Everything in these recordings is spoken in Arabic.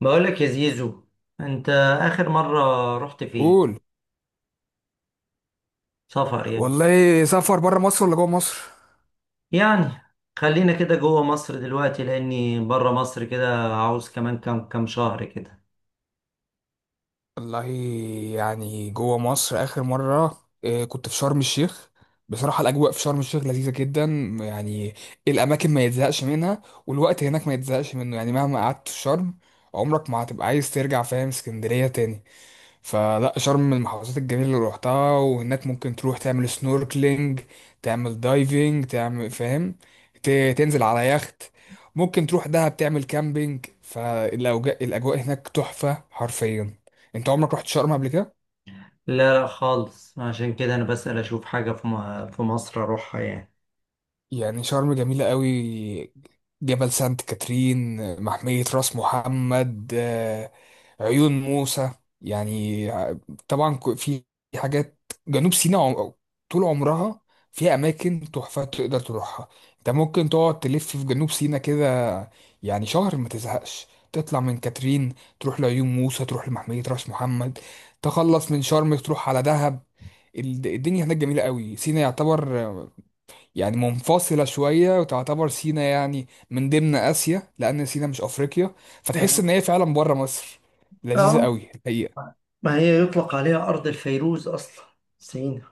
بقولك يا زيزو، انت اخر مرة رحت فين؟ قول. سفر يعني. والله سافر بره مصر ولا جوه مصر؟ يعني خلينا كده جوه مصر دلوقتي لاني بره مصر كده عاوز كمان كام شهر كده. والله يعني جوه مصر اخر مره، كنت في شرم الشيخ. بصراحه الاجواء في شرم الشيخ لذيذه جدا يعني، الاماكن ما يتزهقش منها والوقت هناك ما يتزهقش منه، يعني مهما قعدت في شرم عمرك ما هتبقى عايز ترجع، فاهم؟ اسكندريه تاني. فلا، شرم من المحافظات الجميلة اللي روحتها، وهناك ممكن تروح تعمل سنوركلينج، تعمل دايفنج، تعمل فاهم، تنزل على يخت، ممكن تروح دهب تعمل كامبينج، فالأجواء هناك تحفة حرفيا. انت عمرك رحت شرم قبل كده؟ لا خالص، عشان كده انا بسأل اشوف حاجة في مصر اروحها يعني. يعني شرم جميلة قوي. جبل سانت كاترين، محمية راس محمد، عيون موسى، يعني طبعا، في حاجات جنوب سيناء طول عمرها فيها أماكن تحفة تقدر تروحها. أنت ممكن تقعد تلف في جنوب سيناء كده، يعني شهر ما تزهقش. تطلع من كاترين تروح لعيون موسى، تروح لمحمية راس محمد، تخلص من شرم تروح على دهب. الدنيا هناك جميلة قوي. سيناء يعتبر يعني منفصلة شوية، وتعتبر سينا يعني من ضمن آسيا لأن سينا مش أفريقيا، فتحس اه إن هي فعلا بره مصر. لذيذة آه. قوي الحقيقة، ما هي يطلق عليها أرض الفيروز أصلا، سينا.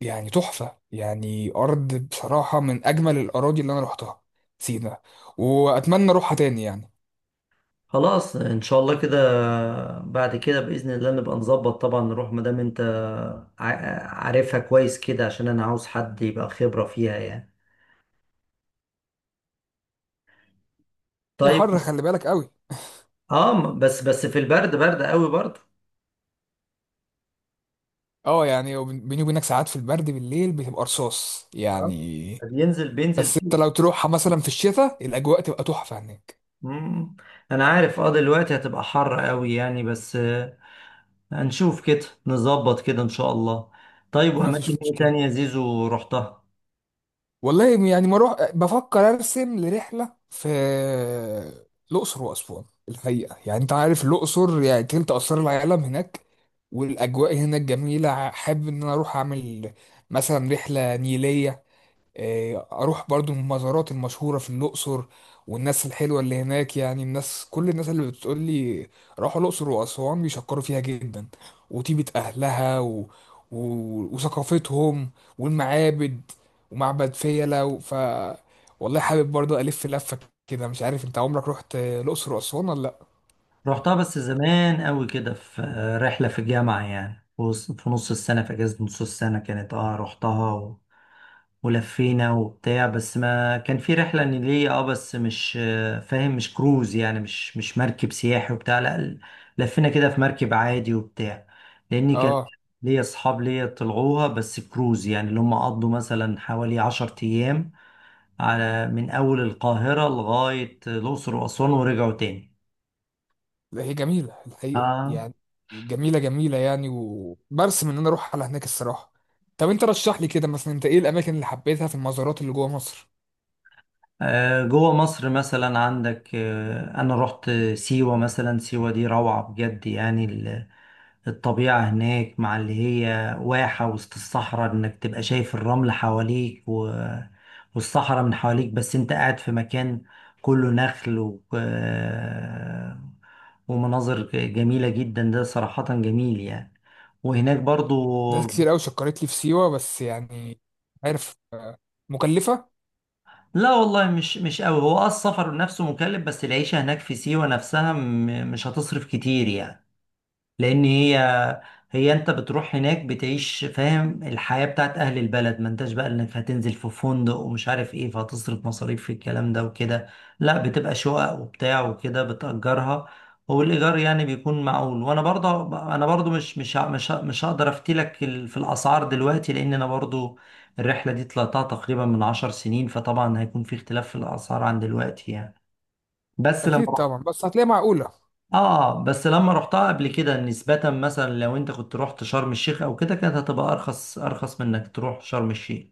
يعني تحفة. يعني أرض بصراحة من أجمل الأراضي اللي أنا روحتها سينا، وأتمنى أروحها تاني يعني. خلاص ان شاء الله كده، بعد كده باذن الله نبقى نظبط طبعا نروح ما دام انت عارفها كويس كده عشان انا عاوز حد يبقى خبره فيها يعني. هي طيب. حر، خلي بالك قوي. اه، بس في البرد، برد قوي برضه. اه، يعني بيني وبينك ساعات في البرد بالليل بتبقى رصاص آه، يعني. بينزل بس انت كده. لو تروحها مثلا في الشتاء الأجواء تبقى تحفة هناك. مم. انا عارف، اه دلوقتي هتبقى حر قوي يعني بس آه، هنشوف كده نظبط كده ان شاء الله. طيب، واماكن مفيش ايه مشكلة. تانية يا زيزو رحتها؟ والله يعني بروح بفكر ارسم لرحله في الاقصر واسوان الحقيقه، يعني انت عارف الاقصر يعني تلت اسرار العالم هناك، والاجواء هناك جميله. حابب ان انا اروح اعمل مثلا رحله نيليه، اروح برضو المزارات المشهوره في الاقصر، والناس الحلوه اللي هناك. يعني الناس كل الناس اللي بتقول لي راحوا الاقصر واسوان بيشكروا فيها جدا، وطيبه اهلها و... وثقافتهم والمعابد ومعبد فيلة و... ف والله حابب برضو الف لفه كده. مش عارف انت عمرك رحت الاقصر واسوان ولا لا. رحتها بس زمان قوي كده، في رحلة في الجامعة يعني في نص السنة، في أجازة نص السنة كانت، اه رحتها ولفينا وبتاع، بس ما كان في رحلة نيلية. اه بس مش آه، فاهم مش كروز يعني مش مركب سياحي وبتاع، لا. لفينا كده في مركب عادي وبتاع، لأني كان اه ليا أصحاب ليا طلعوها بس كروز، يعني اللي هم قضوا مثلا حوالي 10 أيام، على من أول القاهرة لغاية الأقصر وأسوان ورجعوا تاني. لا، هي جميلة الحقيقة اه يعني، جميلة جميلة يعني، وبرسم ان انا اروح على هناك الصراحة. طب انت رشح لي كده مثلا، انت ايه الاماكن اللي حبيتها في المزارات اللي جوه مصر؟ آه، جوه مصر مثلا عندك آه، انا رحت سيوة مثلا. سيوة دي روعة بجد يعني، الطبيعة هناك مع اللي هي واحة وسط الصحراء، انك تبقى شايف الرمل حواليك والصحراء من حواليك بس انت قاعد في مكان كله نخل و... آه، ومناظر جميلة جدا، ده صراحة جميل يعني. وهناك ناس برضو، كتير قوي شكرت لي في سيوة، بس يعني عارف، مكلفة. لا والله مش قوي. هو اه السفر نفسه مكلف، بس العيشة هناك في سيوة نفسها مش هتصرف كتير يعني، لان هي انت بتروح هناك بتعيش فاهم الحياة بتاعت اهل البلد، ما انتش بقى انك هتنزل في فندق ومش عارف ايه فهتصرف مصاريف في الكلام ده وكده. لا بتبقى شقق وبتاع وكده بتأجرها، والايجار يعني بيكون معقول. وانا برضه مش هقدر افتيلك في الاسعار دلوقتي لان انا برضه الرحلة دي طلعتها تقريبا من 10 سنين، فطبعا هيكون في اختلاف في الاسعار عن دلوقتي يعني. بس اكيد لما طبعا، بس هتلاقيها معقولة. اه بس لما رحتها قبل كده، نسبة مثلا لو انت كنت رحت شرم الشيخ او كده كانت هتبقى ارخص، من انك تروح شرم الشيخ.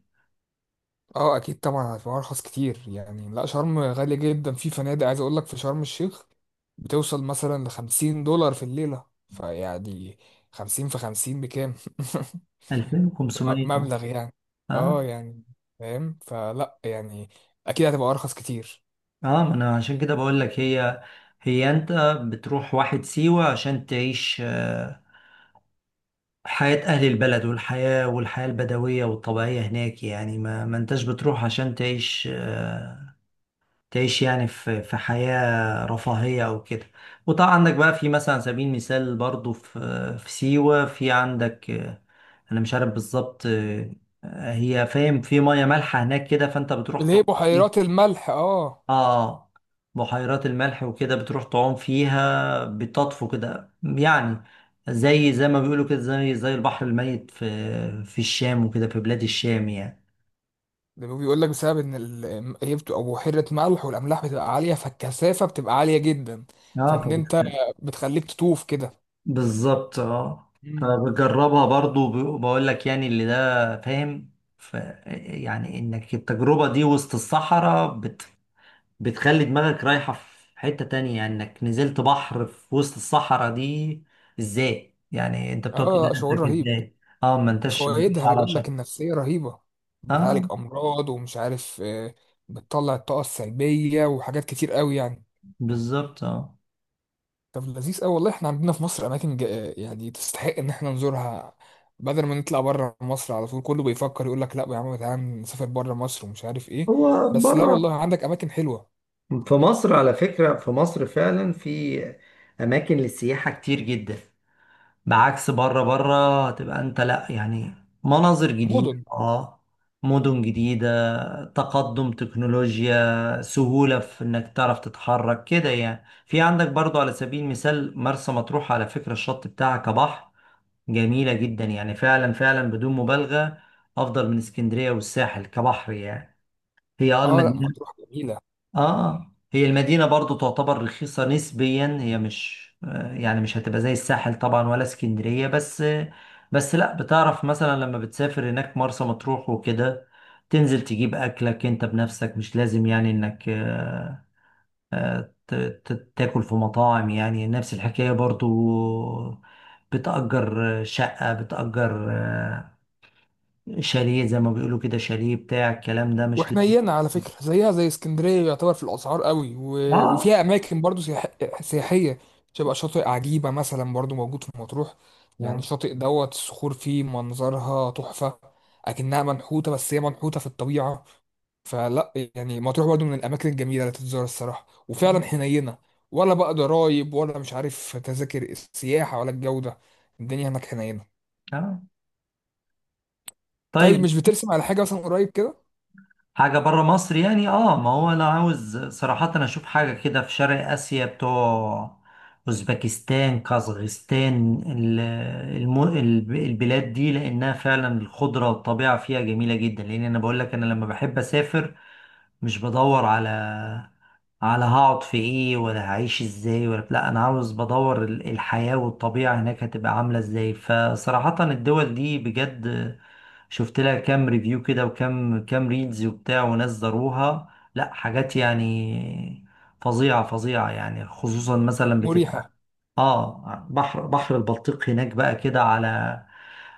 اه اكيد طبعا هتبقى ارخص كتير يعني. لا شرم غالية جدا، في فنادق عايز اقول لك في شرم الشيخ بتوصل مثلا لـ50 دولار في الليلة، فيعني 50 في 50 بكام؟ 2500. مبلغ يعني. اه. اه يعني فاهم، فلا يعني اكيد هتبقى ارخص كتير. اه ما انا عشان كده بقول لك. هي انت بتروح واحد سيوة عشان تعيش آه، حياة اهل البلد والحياة، البدوية والطبيعية هناك يعني، ما انتش بتروح عشان تعيش آه، تعيش يعني في حياة رفاهية أو كده. وطبعا عندك بقى في مثلا على سبيل المثال برضو في سيوة في عندك آه، أنا مش عارف بالظبط آه، هي فاهم في مية مالحة هناك كده فأنت بتروح ليه؟ تعوم بحيرات فيها. الملح، اه. آه. آه، بحيرات الملح وكده بتروح تعوم فيها، بتطفو كده يعني، زي ما بيقولوا كده، زي البحر الميت في الشام وكده، في بلاد الشام يعني. ده بيقول لك بسبب ان هي بتبقى بحيرة ملح، والاملاح بتبقى عالية فالكثافة بتبقى عالية جدا، اه فان انت بتخليك تطوف كده. بالظبط اه. فبجربها برضو وبقول لك يعني اللي ده فاهم ف يعني انك التجربة دي وسط الصحراء بتخلي دماغك رايحة في حتة تانية، يعني انك نزلت بحر في وسط الصحراء دي ازاي، يعني انت بتقعد تقول اه شعور لنفسك رهيب. ازاي. اه ما انتش وفوائدها على بيقول لك شط. النفسية رهيبة، اه بتعالج أمراض ومش عارف بتطلع الطاقة السلبية وحاجات كتير قوي يعني. بالظبط اه. طب لذيذ قوي. والله احنا عندنا في مصر أماكن يعني تستحق إن احنا نزورها، بدل ما نطلع بره مصر على طول. كله بيفكر يقول لك لا يا عم تعالى نسافر بره مصر ومش عارف ايه، هو بس لا بره. والله عندك أماكن حلوة. في مصر على فكرة في مصر فعلا في أماكن للسياحة كتير جدا، بعكس بره. هتبقى انت لا يعني، مناظر جديدة. مدن. اه، مدن جديدة، تقدم تكنولوجيا، سهولة في انك تعرف تتحرك كده يعني. في عندك برضو على سبيل المثال مرسى مطروح، على فكرة الشط بتاعها كبحر جميلة جدا يعني، فعلا بدون مبالغة افضل من اسكندرية والساحل كبحر يعني. هي اه اه لا المدينة مطروح جميلة. اه هي المدينة برضو تعتبر رخيصة نسبيا. هي مش آه، يعني مش هتبقى زي الساحل طبعا ولا اسكندرية، بس آه، بس لا بتعرف مثلا لما بتسافر هناك مرسى مطروح وكده، تنزل تجيب أكلك انت بنفسك، مش لازم يعني انك تاكل في مطاعم، يعني نفس الحكاية برضو، بتأجر شقة، بتأجر آه، شاليه زي ما بيقولوا كده، شاليه بتاع الكلام ده مش لازم. وحنينة على فكرة، زيها زي اسكندرية، يعتبر في الأسعار قوي اه وفيها أماكن برضو سياحية. شبه شاطئ عجيبة مثلا برضو موجود في مطروح، يعني آه. الشاطئ دوت الصخور فيه منظرها تحفة، أكنها منحوتة بس هي منحوتة في الطبيعة. فلا يعني مطروح برضو من الأماكن الجميلة اللي تتزار الصراحة، وفعلا حنينة، ولا بقى ضرايب ولا مش عارف تذاكر السياحة ولا الجودة، الدنيا هناك حنينة. اه طيب طيب. مش بترسم على حاجة مثلا قريب كده؟ حاجة بره مصر يعني، اه ما هو انا عاوز صراحة انا اشوف حاجة كده في شرق اسيا، بتوع اوزبكستان، كازغستان، البلاد دي، لانها فعلا الخضرة والطبيعة فيها جميلة جدا. لان انا بقول لك انا لما بحب اسافر مش بدور على على هقعد في ايه ولا هعيش ازاي، ولا لا انا عاوز بدور الحياة والطبيعة هناك هتبقى عاملة ازاي، فصراحة الدول دي بجد شفت لها كام ريفيو كده، وكام ريلز وبتاع، وناس زاروها، لا حاجات يعني فظيعة يعني. خصوصا مثلا مريحة. بتبقى اه بحر البلطيق هناك بقى كده، على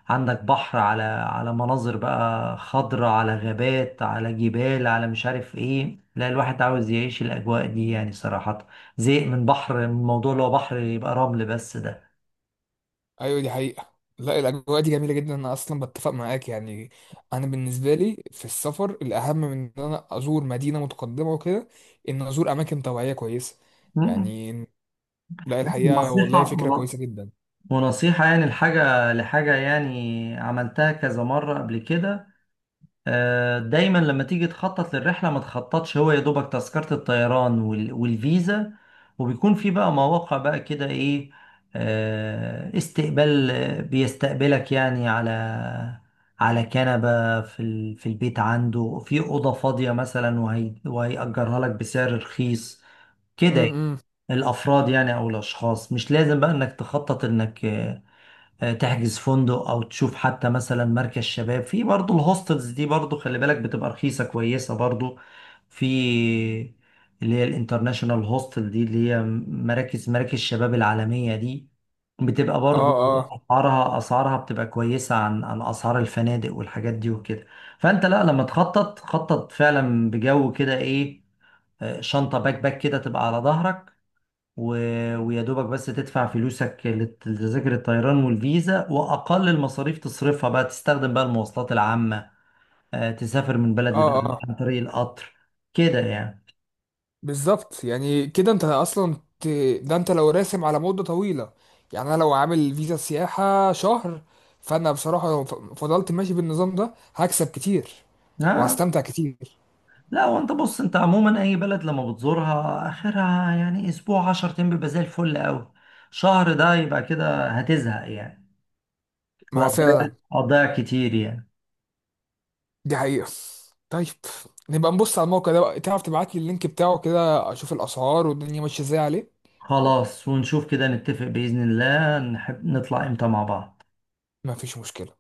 عندك بحر، على على مناظر بقى، خضرة، على غابات، على جبال، على مش عارف ايه، لا الواحد عاوز يعيش الأجواء دي يعني صراحة، زهق من بحر، من الموضوع اللي هو بحر يبقى رمل بس ده. ايوه دي حقيقة. لا الاجواء دي جميلة جدا، انا اصلا بتفق معاك يعني. انا بالنسبة لي في السفر الاهم من ان انا ازور مدينة متقدمة وكده، ان ازور اماكن طبيعية كويسة م- م. يعني. لا الحقيقة والله نصيحة، فكرة كويسة جدا. يعني الحاجة لحاجة يعني عملتها كذا مرة قبل كده، آه، دايما لما تيجي تخطط للرحلة ما تخططش هو يا دوبك تذكرة الطيران والفيزا، وبيكون في بقى مواقع بقى كده ايه، آه، استقبال، آه، بيستقبلك يعني على على كنبة في البيت عنده في أوضة فاضية مثلا، وهيأجرها لك بسعر رخيص كده يعني، امم الأفراد يعني أو الأشخاص، مش لازم بقى إنك تخطط إنك آه، تحجز فندق، او تشوف حتى مثلا مركز شباب. في برضو الهوستلز دي برضو خلي بالك بتبقى رخيصة كويسة برضو، في اللي هي الانترناشونال هوستل، دي اللي هي مراكز الشباب العالمية دي، بتبقى اه، برضو اه، اسعارها بتبقى كويسة عن عن اسعار الفنادق والحاجات دي وكده. فانت لا لما تخطط خطط فعلا بجو كده ايه، آه، شنطة باك باك كده تبقى على ظهرك و... ويا دوبك بس تدفع فلوسك لتذاكر الطيران والفيزا، واقل المصاريف تصرفها بقى، تستخدم بقى المواصلات العامه، آه، تسافر من بلد اه، لبلد اه، عن طريق القطر كده يعني. بالظبط. يعني كده انت اصلا ت... ده انت لو راسم على مدة طويلة، يعني انا لو عامل فيزا سياحة شهر، فانا بصراحة لو فضلت ماشي بالنظام ده هكسب كتير آه، وهستمتع كتير. لا وانت بص، انت عموما اي بلد لما بتزورها اخرها يعني اسبوع 10 ايام بيبقى زي الفل قوي. شهر ده يبقى كده هتزهق يعني، ما وهتضيع فعلا هتضيع كتير يعني. دي حقيقة. طيب نبقى نبص على الموقع ده بقى، تعرف تبعت لي اللينك بتاعه كده اشوف الاسعار والدنيا ماشية ازاي عليه. خلاص ونشوف كده نتفق بإذن الله نحب نطلع امتى مع بعض مفيش مشكلة.